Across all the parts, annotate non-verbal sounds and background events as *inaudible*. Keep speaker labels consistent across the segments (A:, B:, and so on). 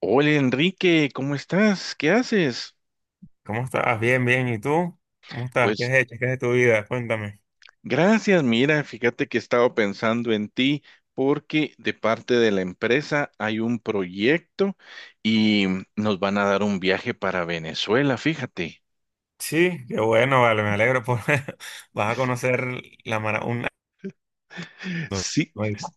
A: Hola Enrique, ¿cómo estás? ¿Qué haces?
B: ¿Cómo estás? Bien, bien. ¿Y tú? ¿Cómo estás? ¿Qué
A: Pues
B: has hecho? ¿Qué es de tu vida? Cuéntame.
A: gracias, mira, fíjate que he estado pensando en ti porque de parte de la empresa hay un proyecto y nos van a dar un viaje para Venezuela, fíjate.
B: Sí, qué bueno, vale, me alegro por *laughs* vas a conocer la mara un-
A: Sí,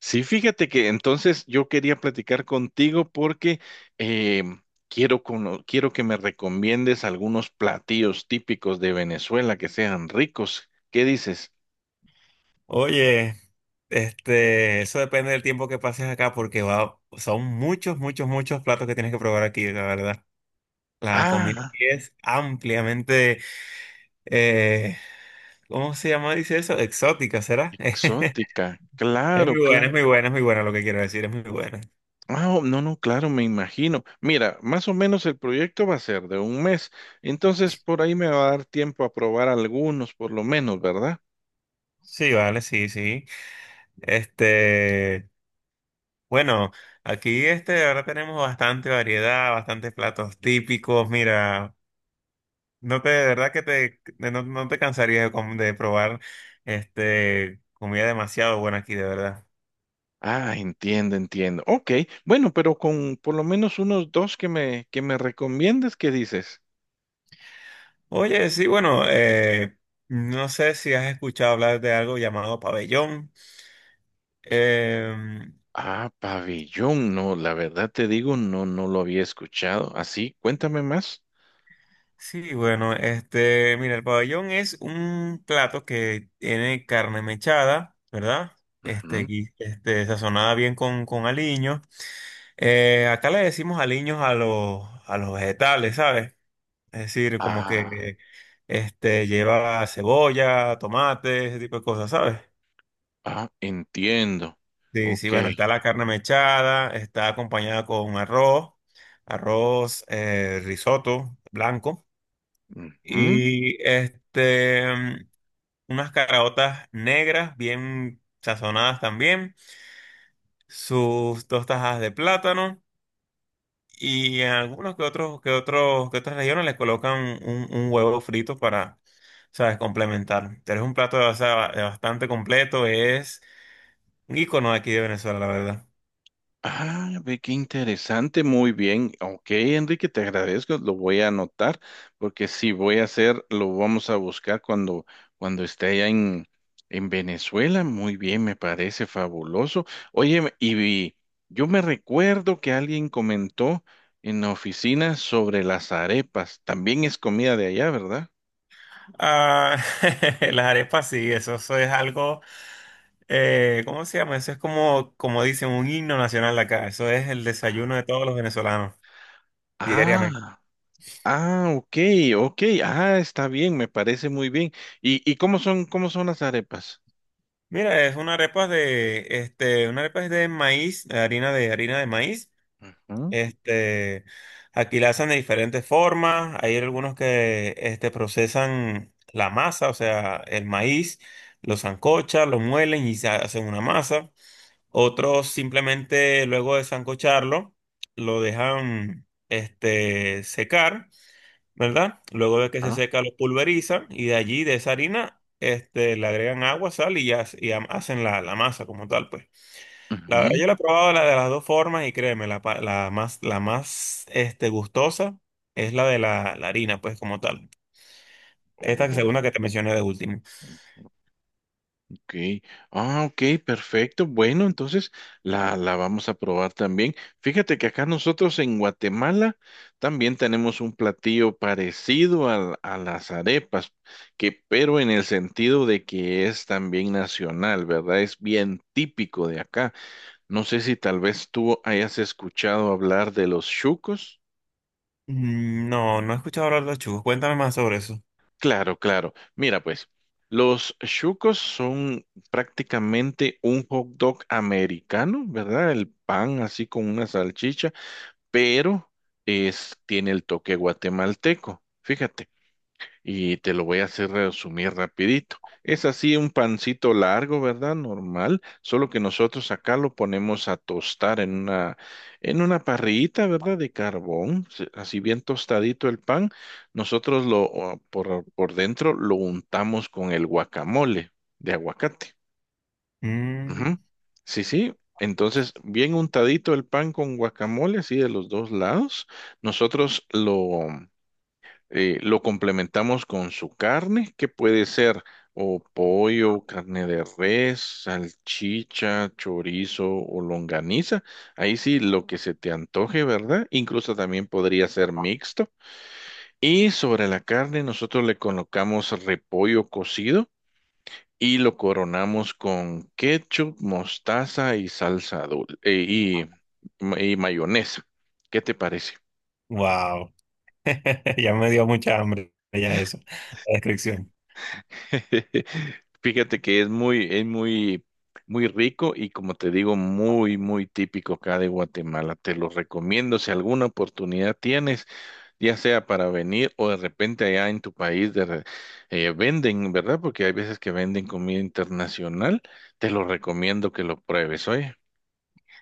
A: sí, fíjate que entonces yo quería platicar contigo porque eh, quiero, quiero que me recomiendes algunos platillos típicos de Venezuela que sean ricos. ¿Qué dices?
B: Oye, eso depende del tiempo que pases acá porque va, son muchos, muchos platos que tienes que probar aquí, la verdad. La comida
A: Ah.
B: aquí es ampliamente, eh, ¿cómo se llama? Dice eso, exótica, ¿será? *laughs*
A: Exótica,
B: Es
A: claro,
B: muy buena, es
A: claro.
B: muy buena, es muy buena lo que quiero decir, es muy buena.
A: Ah, oh, no, no, claro, me imagino. Mira, más o menos el proyecto va a ser de un mes, entonces por ahí me va a dar tiempo a probar algunos, por lo menos, ¿verdad?
B: Sí, vale, sí, sí. Este, Bueno, aquí ahora tenemos bastante variedad, bastantes platos típicos. Mira, no te, de verdad que te, de- no, no te cansarías de, com- de probar comida demasiado buena aquí, de verdad.
A: Ah, entiendo, entiendo. Ok, bueno, pero con por lo menos unos dos que me recomiendes, ¿qué dices?
B: Oye, sí, bueno, no sé si has escuchado hablar de algo llamado pabellón. Eh,
A: Ah, pabellón, no, la verdad te digo, no, no lo había escuchado. Así, cuéntame más.
B: sí, bueno, mira, el pabellón es un plato que tiene carne mechada, ¿verdad?
A: Ujú.
B: Gui- sazonada bien con aliño. Acá le decimos aliños a los vegetales, ¿sabes? Es decir, como
A: Ah,
B: que lleva cebolla, tomate, ese tipo de cosas, ¿sabes?
A: ah, entiendo.
B: Sí, sí,
A: Ok.
B: bueno, está la carne mechada, está acompañada con arroz, risotto blanco
A: Ujú.
B: y unas caraotas negras bien sazonadas también, sus dos tajas de plátano. Y en algunos que otros, que otras regiones le colocan un huevo frito para, sabes, complementar. Pero es un plato, o sea, ba- bastante completo, es un icono aquí de Venezuela, la verdad.
A: Ah, ve qué interesante, muy bien. Ok, Enrique, te agradezco, lo voy a anotar, porque si voy a hacer, lo vamos a buscar cuando esté en Venezuela. Muy bien, me parece fabuloso. Oye, yo me recuerdo que alguien comentó en la oficina sobre las arepas. También es comida de allá, ¿verdad?
B: Ah, *laughs* las arepas sí, eso es algo, ¿cómo se llama? Eso es como, como dicen, un himno nacional de acá. Eso es el desayuno de todos los venezolanos, diariamente.
A: Ah, ah, ok, ok, ah, está bien, me parece muy bien. ¿ y cómo son las arepas?
B: Mira, es una arepa de, una arepa es de maíz, harina de maíz.
A: Ujú.
B: Este, aquí la hacen de diferentes formas. Hay algunos que procesan la masa, o sea, el maíz, lo sancochan, lo muelen y se hacen una masa. Otros simplemente luego de sancocharlo, lo dejan secar, ¿verdad? Luego de que se seca, lo pulverizan y de allí, de esa harina, le agregan agua, sal y, ya- y ha- hacen la, la masa como tal, pues. La verdad,
A: Ujú.
B: yo la he probado la de las dos formas y créeme, la, pa- la más gustosa es la de la, la harina, pues como tal. Esta
A: Oh,
B: segunda que te mencioné de último.
A: ok. Ah, ok, perfecto. Bueno, entonces la vamos a probar también. Fíjate que acá nosotros en Guatemala también tenemos un platillo parecido a las arepas, que, pero en el sentido de que es también nacional, ¿verdad? Es bien típico de acá. No sé si tal vez tú hayas escuchado hablar de los chucos.
B: Mm, no, no he escuchado hablar de los churros. Cuéntame más sobre eso.
A: Claro, claro. Mira, pues, los chucos son prácticamente un hot dog americano, ¿verdad? El pan así con una salchicha, pero es, tiene el toque guatemalteco. Fíjate y te lo voy a hacer resumir rapidito. Es así un pancito largo, ¿verdad? Normal, solo que nosotros acá lo ponemos a tostar en una parrillita, ¿verdad? De carbón, así bien tostadito el pan. Nosotros lo, o, por dentro lo untamos con el guacamole de aguacate. Ujú.
B: Mm,
A: Sí, sí. Entonces, bien untadito el pan con guacamole, así de los dos lados. Nosotros lo complementamos con su carne, que puede ser o pollo, carne de res, salchicha, chorizo o longaniza. Ahí sí, lo que se te antoje, ¿verdad? Incluso también podría ser mixto. Y sobre la carne nosotros le colocamos repollo cocido y lo coronamos con ketchup, mostaza y salsa dulce y mayonesa. ¿Qué te parece?
B: wow. *laughs* Ya me dio mucha hambre ya eso, la descripción.
A: *laughs* Fíjate que es muy, muy rico y como te digo, muy, muy típico acá de Guatemala. Te lo recomiendo si alguna oportunidad tienes, ya sea para venir o de repente allá en tu país venden, ¿verdad? Porque hay veces que venden comida internacional. Te lo recomiendo que lo pruebes, oye.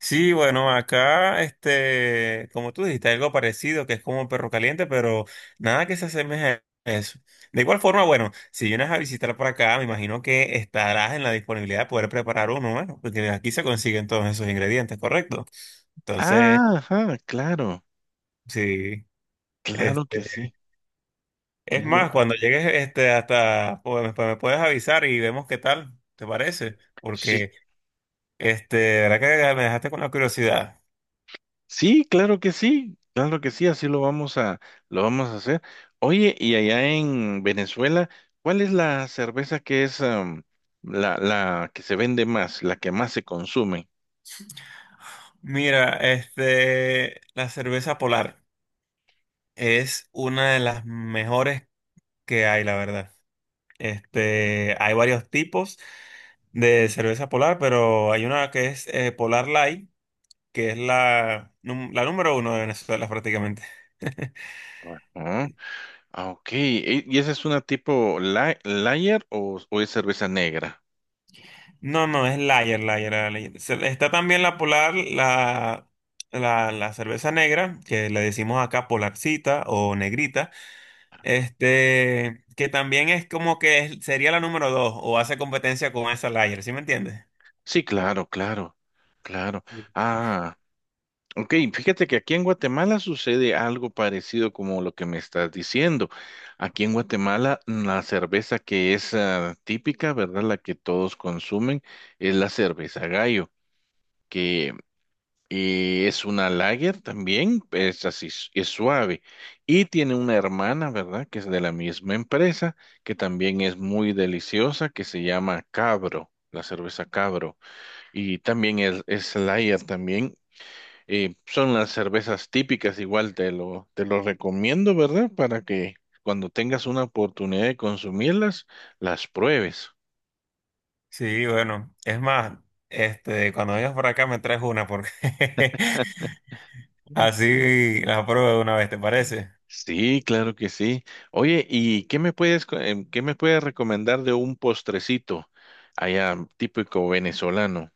B: Sí, bueno, acá, como tú dijiste, algo parecido, que es como un perro caliente, pero nada que se asemeje a eso. De igual forma, bueno, si vienes a visitar por acá, me imagino que estarás en la disponibilidad de poder preparar uno, bueno, porque aquí se consiguen todos esos ingredientes, ¿correcto? Entonces,
A: Ah, ajá, claro,
B: sí,
A: claro que
B: este,
A: sí.
B: es
A: Muy-
B: más, cuando llegues, hasta, pues, me puedes avisar y vemos qué tal, ¿te parece?
A: Sí,
B: Porque, la verdad que me dejaste con la curiosidad.
A: sí, claro que sí, claro que sí, así lo vamos a hacer. Oye, y allá en Venezuela, ¿cuál es la cerveza que es la que se vende más, la que más se consume?
B: Mira, la cerveza Polar es una de las mejores que hay, la verdad. Hay varios tipos de cerveza Polar, pero hay una que es Polar Light, que es la, num- la número uno de Venezuela prácticamente. *laughs*
A: Ah, ah, ok. ¿Y esa es una tipo lager o es cerveza negra?
B: No, no, es Lager, Lager. La Lager. Se- Está también la Polar, la cerveza negra, que le decimos acá Polarcita o Negrita. Que también es como que es- sería la número dos o hace competencia con esa Layer, ¿sí me entiendes?
A: Sí, claro, claro, claro.
B: Sí.
A: Ah. Ok, fíjate que aquí en Guatemala sucede algo parecido como lo que me estás diciendo. Aquí en Guatemala la cerveza que es típica, ¿verdad? La que todos consumen es la cerveza Gallo, que es una lager también, es así, es suave. Y tiene una hermana, ¿verdad? Que es de la misma empresa, que también es muy deliciosa, que se llama Cabro, la cerveza Cabro. Y también es lager también. Son unas cervezas típicas, igual te lo recomiendo, ¿verdad? Para que cuando tengas una oportunidad de consumirlas, las pruebes.
B: Sí, bueno, es más, cuando vengas por acá me traes una porque *laughs*
A: Mm.
B: así la pruebo de una vez, ¿te parece?
A: Sí, claro que sí. Oye, ¿y qué me puedes, qué me puedes recomendar de un postrecito allá típico venezolano?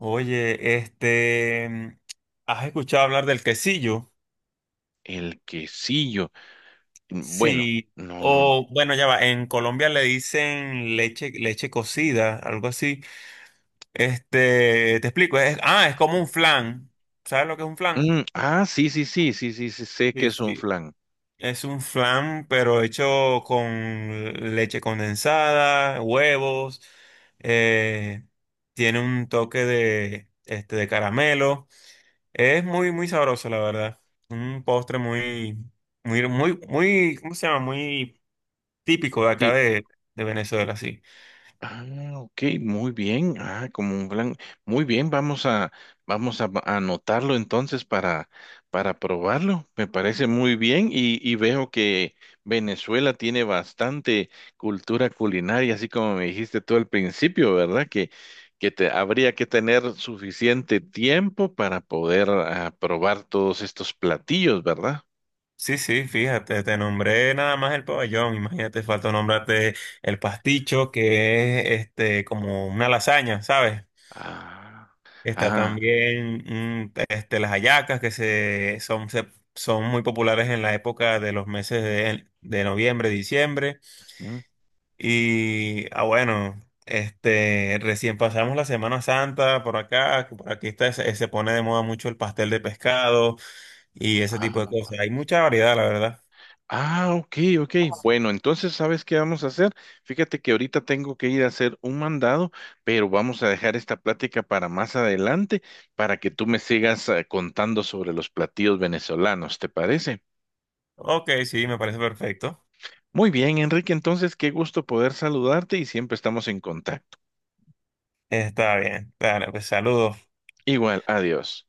B: Oye, ¿has escuchado hablar del quesillo?
A: El quesillo. Mm, bueno,
B: Sí,
A: no, no.
B: o bueno, ya va, en Colombia le dicen leche, leche cocida, algo así. Te explico, es, ah, es como un flan. ¿Sabes lo que es un flan?
A: Mm, ah, sí, sí, sí, sí, sí, sí, sé que
B: Sí,
A: es un
B: sí.
A: flan.
B: Es un flan, pero hecho con leche condensada, huevos, eh, tiene un toque de, de caramelo. Es muy, muy sabroso, la verdad. Un postre muy, muy, muy, muy, ¿cómo se llama? Muy típico de acá
A: Sí,
B: de Venezuela, sí.
A: ah, ok, muy bien. Ah, como un plan. Muy bien, a anotarlo entonces para probarlo. Me parece muy bien y veo que Venezuela tiene bastante cultura culinaria, así como me dijiste tú al principio, ¿verdad? Que, habría que tener suficiente tiempo para poder probar todos estos platillos, ¿verdad?
B: Sí, sí, fíjate, te nombré nada más el pabellón. Imagínate, falta nombrarte el pasticho, que es como una lasaña, ¿sabes?
A: Ah,
B: Está
A: ah,
B: también las hallacas que se- son muy populares en la época de los meses de noviembre, diciembre.
A: mm,
B: Y ah, bueno, recién pasamos la Semana Santa por acá, que por aquí está, se pone de moda mucho el pastel de pescado y ese tipo de
A: ah.
B: cosas. Hay mucha variedad, la verdad.
A: Ah, ok, ok. Bueno, entonces, ¿sabes qué vamos a hacer? Fíjate que ahorita tengo que ir a hacer un mandado, pero vamos a dejar esta plática para más adelante, para que tú me sigas contando sobre los platillos venezolanos, ¿te parece?
B: Ok, sí, me parece perfecto.
A: Muy bien, Enrique, entonces, qué gusto poder saludarte y siempre estamos en contacto.
B: Está bien. Claro, pues saludos.
A: Igual, adiós.